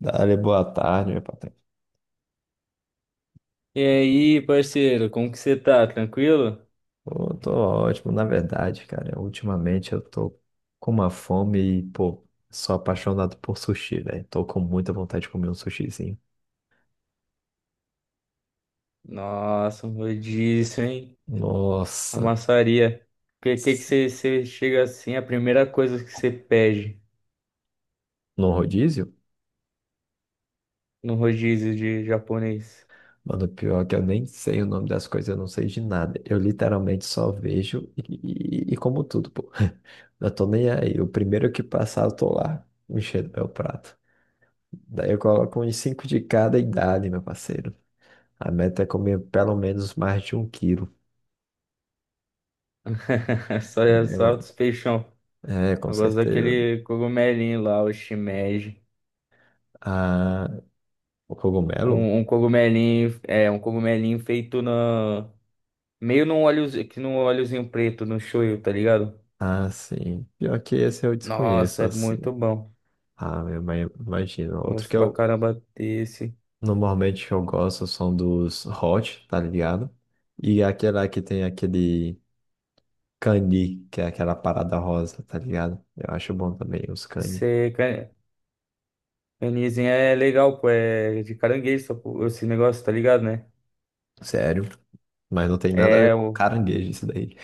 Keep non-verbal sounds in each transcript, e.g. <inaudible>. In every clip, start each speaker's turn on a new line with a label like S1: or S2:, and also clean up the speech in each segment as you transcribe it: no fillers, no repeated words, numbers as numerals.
S1: Dale, boa tarde, meu patrão.
S2: E aí, parceiro, como que você tá? Tranquilo?
S1: Pô, tô ótimo, na verdade, cara. Ultimamente eu tô com uma fome e, pô, sou apaixonado por sushi, velho. Tô com muita vontade de comer um sushizinho.
S2: Nossa, um rodízio, hein? A
S1: Nossa,
S2: maçaria. O que, que, que
S1: s-
S2: você, você chega assim, a primeira coisa que você pede
S1: no rodízio?
S2: no rodízio de japonês?
S1: Mano, pior que eu nem sei o nome das coisas, eu não sei de nada. Eu literalmente só vejo e, e como tudo, pô. <laughs> Eu tô nem aí. O primeiro que passar, eu tô lá, enchendo meu prato. Daí eu coloco uns cinco de cada idade, meu parceiro. A meta é comer pelo menos mais de um quilo.
S2: <laughs> Só,
S1: É,
S2: só
S1: mano.
S2: os peixão.
S1: É, com
S2: Eu gosto
S1: certeza.
S2: daquele cogumelinho lá, o shimeji.
S1: Ah, o cogumelo?
S2: Um cogumelinho, é, um cogumelinho feito na... Meio num óleozinho, que num óleozinho preto, no shoyu, tá ligado?
S1: Ah, sim. Pior que esse eu desconheço,
S2: Nossa, é
S1: assim.
S2: muito bom.
S1: Ah, eu imagino. Outro que
S2: Gosto pra
S1: eu
S2: caramba desse.
S1: normalmente eu gosto são dos hot, tá ligado? E aquela que tem aquele cani, que é aquela parada rosa, tá ligado? Eu acho bom também os cani.
S2: Você Anizinho é legal, pô, é de caranguejo, pô, esse negócio, tá ligado, né?
S1: Sério. Mas não tem nada a ver
S2: É,
S1: com
S2: o,
S1: caranguejo isso daí.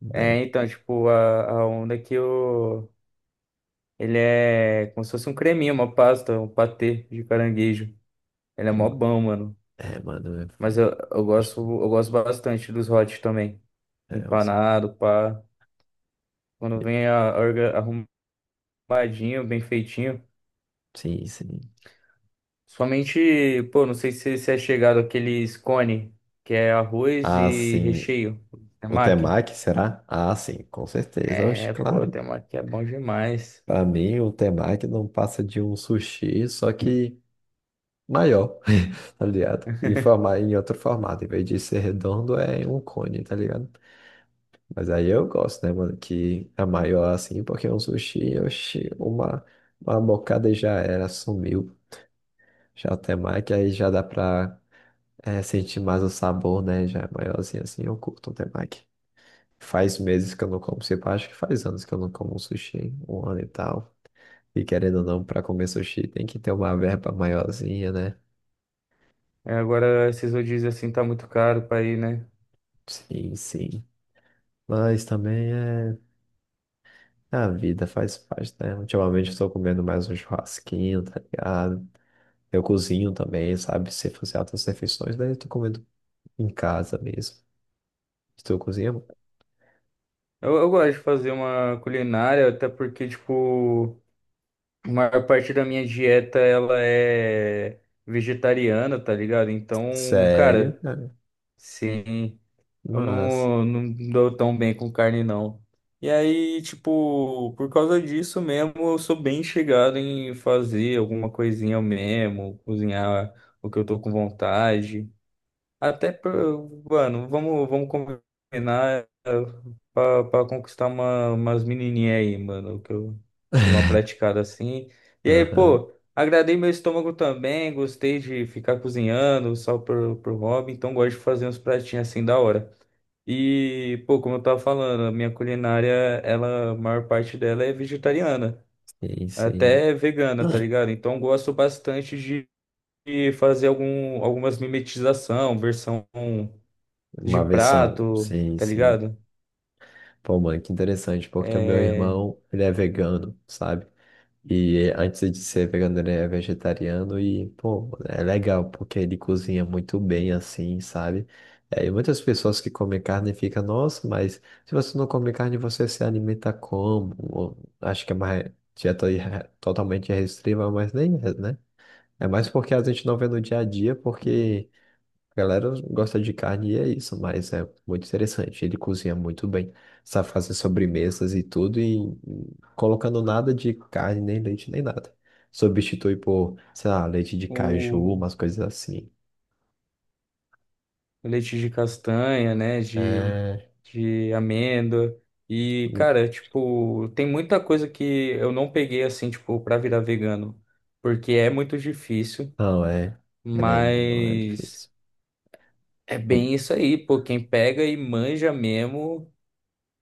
S1: Né?
S2: é então, tipo, a onda é que o, ele é como se fosse um creminho, uma pasta, um patê de caranguejo. Ele é mó bom, mano.
S1: É, mano. É,
S2: Mas eu
S1: acho-
S2: gosto, eu gosto bastante dos hot também.
S1: é, uns-
S2: Empanado, pá. Quando vem a, orga- Arrumadinho, bem feitinho.
S1: Sim, sim.
S2: Somente, pô, não sei se você é chegado àqueles cone, que é arroz
S1: Ah,
S2: e
S1: sim.
S2: recheio,
S1: O
S2: temaki.
S1: temaki, será? Ah, sim, com certeza. Oxe,
S2: É, pô,
S1: claro.
S2: tem uma que é bom demais.
S1: Pra mim, o temaki não passa de um sushi, só que maior, <laughs> tá ligado? Em, forma,
S2: <laughs>
S1: em outro formato. Em vez de ser redondo, é um cone, tá ligado? Mas aí eu gosto, né, mano? Que é maior assim, porque é um sushi, oxe, uma bocada e já era, sumiu. Já o temaki, aí já dá pra sentir mais o sabor, né? Já é maiorzinho assim, eu curto o temaki. Faz meses que eu não como ceviche, acho que faz anos que eu não como um sushi, hein? Um ano e tal. E querendo ou não, para comer sushi tem que ter uma verba maiorzinha, né?
S2: É, agora, esses rodízios assim tá muito caro pra ir, né?
S1: Sim, sim. Mas também é a vida, faz parte, né? Ultimamente eu tô comendo mais um churrasquinho, tá ligado? Eu cozinho também, sabe? Se fazer altas refeições, daí eu tô comendo em casa mesmo. Estou cozinhando?
S2: Eu gosto de fazer uma culinária, até porque, tipo, a maior parte da minha dieta ela é vegetariana, tá ligado? Então,
S1: Sério,
S2: cara,
S1: cara?
S2: sim, eu
S1: Mas.
S2: não, não dou tão bem com carne, não. E aí, tipo, por causa disso mesmo, eu sou bem chegado em fazer alguma coisinha eu mesmo, cozinhar o que eu tô com vontade. Mano, vamos combinar, eh, pra conquistar uma, umas menininhas aí, mano, que eu dei uma
S1: <laughs>
S2: praticada assim. E aí,
S1: Aham,
S2: pô, agradei meu estômago também, gostei de ficar cozinhando só pro, pro hobby, então gosto de fazer uns pratinhos assim da hora. E, pô, como eu tava falando, a minha culinária, ela, a maior parte dela é vegetariana,
S1: sim, sim.
S2: até vegana, tá ligado? Então gosto bastante de fazer algum, algumas mimetização, versão de
S1: Uma versão,
S2: prato,
S1: sim,
S2: tá
S1: sim.
S2: ligado?
S1: Pô, mano, que interessante, porque o meu
S2: É,
S1: irmão, ele é vegano, sabe? E antes de ser vegano, ele é vegetariano e, pô, é legal, porque ele cozinha muito bem assim, sabe? É, e muitas pessoas que comem carne ficam, nossa, mas se você não come carne, você se alimenta como? Ou, acho que é uma dieta totalmente restritiva, mas nem é, né? É mais porque a gente não vê no dia a dia, porque a galera gosta de carne e é isso, mas é muito interessante. Ele cozinha muito bem, sabe fazer sobremesas e tudo, e colocando nada de carne, nem leite, nem nada. Substitui por, sei lá, leite de caju,
S2: o
S1: umas coisas assim.
S2: leite de castanha, né?
S1: É.
S2: De amêndoa. E, cara, tipo, tem muita coisa que eu não peguei assim, tipo, pra virar vegano, porque é muito difícil,
S1: Não, é. Querendo, não é
S2: mas
S1: difícil.
S2: é bem isso aí, pô. Quem pega e manja mesmo,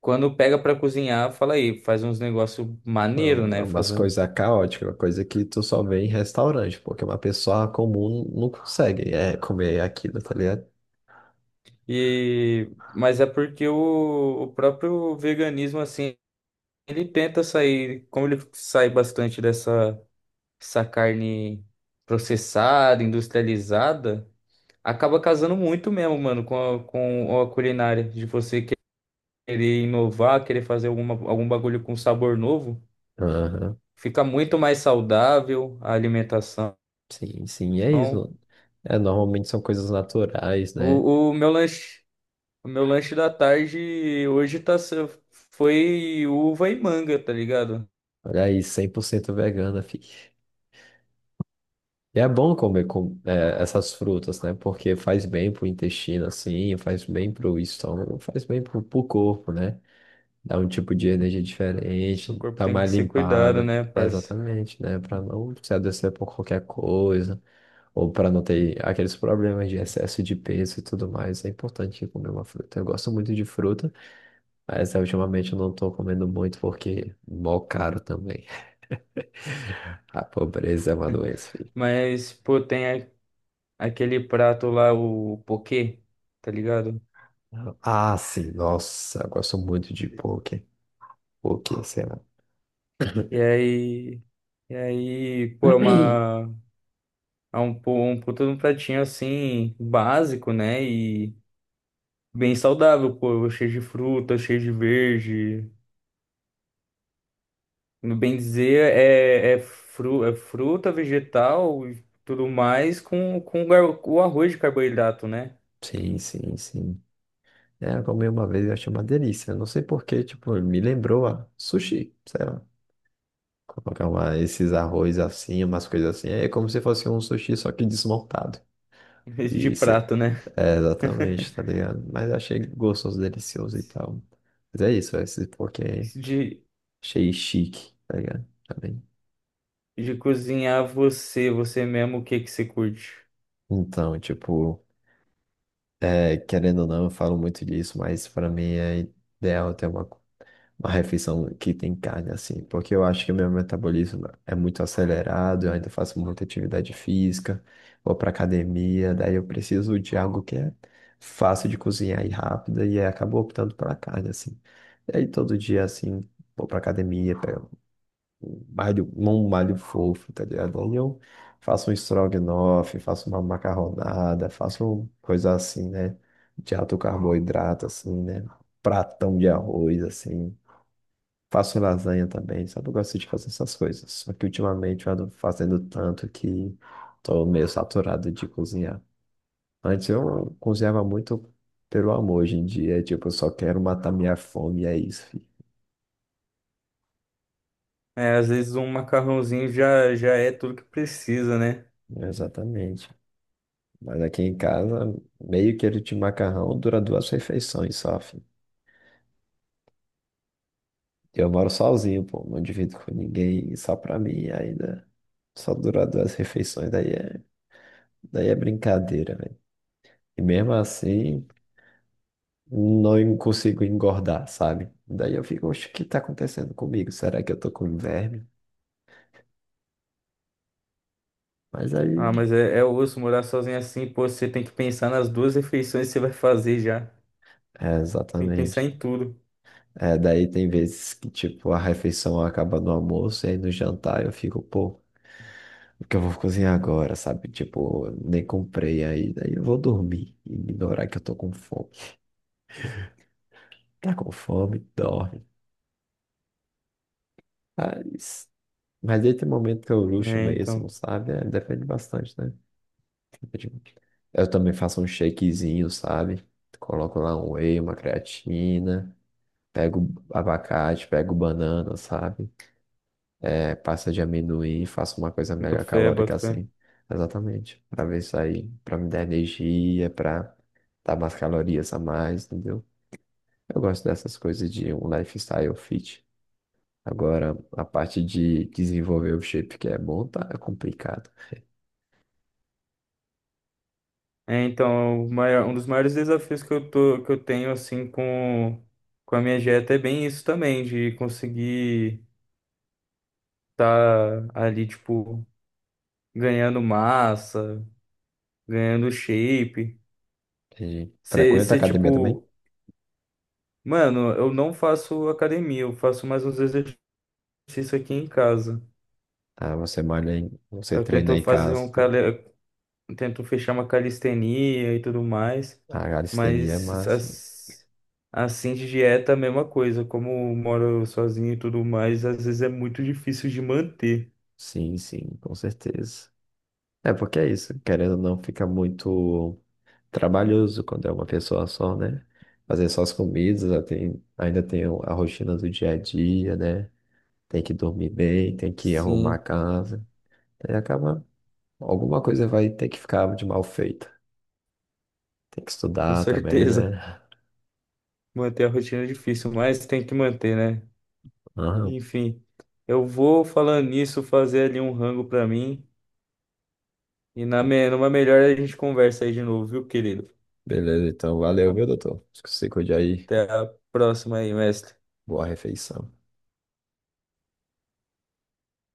S2: quando pega pra cozinhar, fala aí, faz uns negócios maneiro,
S1: Não, é
S2: né? Faz
S1: umas
S2: um.
S1: coisas caóticas, uma coisa que tu só vê em restaurante, porque uma pessoa comum não consegue é, comer aquilo, tá ligado?
S2: E mas é porque o próprio veganismo, assim, ele tenta sair, como ele sai bastante dessa essa carne processada, industrializada, acaba casando muito mesmo, mano, com a culinária. De você querer inovar, querer fazer alguma, algum bagulho com sabor novo,
S1: Aham.
S2: fica muito mais saudável a alimentação.
S1: Sim, sim, e é isso. É, normalmente são coisas naturais, né?
S2: O, o meu lanche, o meu lanche da tarde hoje tá, se- foi uva e manga, tá ligado?
S1: Olha aí, 100% vegana, fi. E é bom comer com, é, essas frutas, né? Porque faz bem pro intestino, assim, faz bem pro estômago, faz bem pro, pro corpo, né? Dá um tipo de energia
S2: Seu
S1: diferente,
S2: corpo
S1: tá
S2: tem que
S1: mais
S2: ser cuidado,
S1: limpada,
S2: né,
S1: é,
S2: parça?
S1: exatamente, né? Pra não se adoecer por qualquer coisa, ou pra não ter aqueles problemas de excesso de peso e tudo mais. É importante comer uma fruta. Eu gosto muito de fruta. Mas ultimamente eu não tô comendo muito porque mó caro também. <laughs> A pobreza é uma doença, filho.
S2: Mas, pô, tem, aquele prato lá, o poquê, tá ligado?
S1: Ah, sim, nossa, eu gosto muito de poke. Poke, sei lá.
S2: E aí, e aí, pô, é
S1: <clears throat>
S2: uma, é um puta de um pratinho assim, básico, né? E bem saudável, pô, cheio de fruta, cheio de verde. No bem dizer, é fruta, vegetal e tudo mais com, o arroz de carboidrato, né?
S1: Sim, sim, sim. É, eu comi uma vez e achei uma delícia. Eu não sei por quê, tipo, me lembrou a sushi, sei lá. Colocar uma, esses arroz assim, umas coisas assim. É como se fosse um sushi, só que desmontado.
S2: <laughs> Em vez de
S1: Isso, é,
S2: prato, né?
S1: é,
S2: <laughs>
S1: exatamente, tá ligado? Mas achei gostoso, delicioso e tal. Mas é isso, é esse porquê.
S2: De,
S1: Achei chique, tá ligado? Também.
S2: de cozinhar você, você mesmo, o que que você curte?
S1: Então, tipo, é, querendo ou não, eu falo muito disso, mas para mim é ideal ter uma, uma refeição que tem carne, assim, porque eu acho que meu metabolismo é muito acelerado, eu ainda faço muita atividade física, vou pra academia, daí eu preciso de algo que é fácil de cozinhar e rápida, e aí acabo optando pela carne, assim. E aí todo dia, assim, vou pra academia, um malho fofo, tá ligado? Aí eu faço um estrogonofe, faço uma macarronada, faço coisa assim, né? De alto carboidrato, assim, né? Pratão de arroz, assim. Faço lasanha também, sabe? Eu gosto de fazer essas coisas. Só que ultimamente eu ando fazendo tanto que tô meio saturado de cozinhar. Antes eu cozinhava muito pelo amor, hoje em dia, tipo, eu só quero matar minha fome, e é isso, filho.
S2: É, às vezes um macarrãozinho já é tudo que precisa, né?
S1: Exatamente. Mas aqui em casa, meio quilo de macarrão dura duas refeições só, filho. Eu moro sozinho, pô, não divido com ninguém, e só pra mim ainda. Só dura duas refeições, daí é brincadeira, velho. E mesmo assim, não en- consigo engordar, sabe? Daí eu fico, oxe, o que tá acontecendo comigo? Será que eu tô com verme? Mas
S2: Ah,
S1: aí,
S2: mas é, é osso morar sozinho, é assim, pô, você tem que pensar nas duas refeições que você vai fazer já.
S1: é
S2: Você tem que pensar
S1: exatamente.
S2: em tudo.
S1: É, daí tem vezes que, tipo, a refeição acaba no almoço e aí no jantar eu fico, pô. Porque eu vou cozinhar agora, sabe? Tipo, nem comprei ainda. Aí eu vou dormir e ignorar que eu tô com fome. Tá com fome? Dorme. Mas, mas aí tem momento que eu luxo
S2: É,
S1: mesmo,
S2: então,
S1: sabe? É, depende bastante, né? Eu também faço um shakezinho, sabe? Coloco lá um whey, uma creatina. Pego abacate, pego banana, sabe? É, pasta de amendoim, faço uma coisa
S2: boto
S1: mega
S2: fé,
S1: calórica
S2: boto fé.
S1: assim. Exatamente. Pra ver isso aí, pra me dar energia, pra dar umas calorias a mais, entendeu? Eu gosto dessas coisas de um lifestyle fit. Agora, a parte de desenvolver o shape que é bom, tá? É complicado.
S2: É, então, o maior, um dos maiores desafios que eu tô, que eu tenho, assim, com a minha dieta é bem isso também, de conseguir tá ali, tipo, ganhando massa, ganhando shape.
S1: E frequenta a
S2: Você,
S1: academia também?
S2: tipo, Mano, eu não faço academia, eu faço mais uns exercícios aqui em casa.
S1: Ah, você malha em, você treina em casa, tá?
S2: Eu tento fechar uma calistenia e tudo mais,
S1: A calistenia é
S2: mas
S1: massa.
S2: as- assim de dieta é a mesma coisa. Como eu moro sozinho e tudo mais, às vezes é muito difícil de manter.
S1: Sim, sim, com certeza. É porque é isso, querendo ou não, fica muito trabalhoso quando é uma pessoa só, né? Fazer só as comidas, ainda tem a rotina do dia a dia, né? Tem que dormir bem, tem que arrumar a
S2: Sim,
S1: casa. Aí acaba, alguma coisa vai ter que ficar de mal feita. Tem que
S2: com
S1: estudar também,
S2: certeza.
S1: né?
S2: <laughs> Manter a rotina é difícil, mas tem que manter, né?
S1: Aham.
S2: Enfim, eu vou falando nisso, fazer ali um rango pra mim. E numa melhor a gente conversa aí de novo, viu, querido?
S1: Beleza, então valeu, viu, doutor? Se cuide aí.
S2: Até a próxima aí, mestre.
S1: Boa refeição.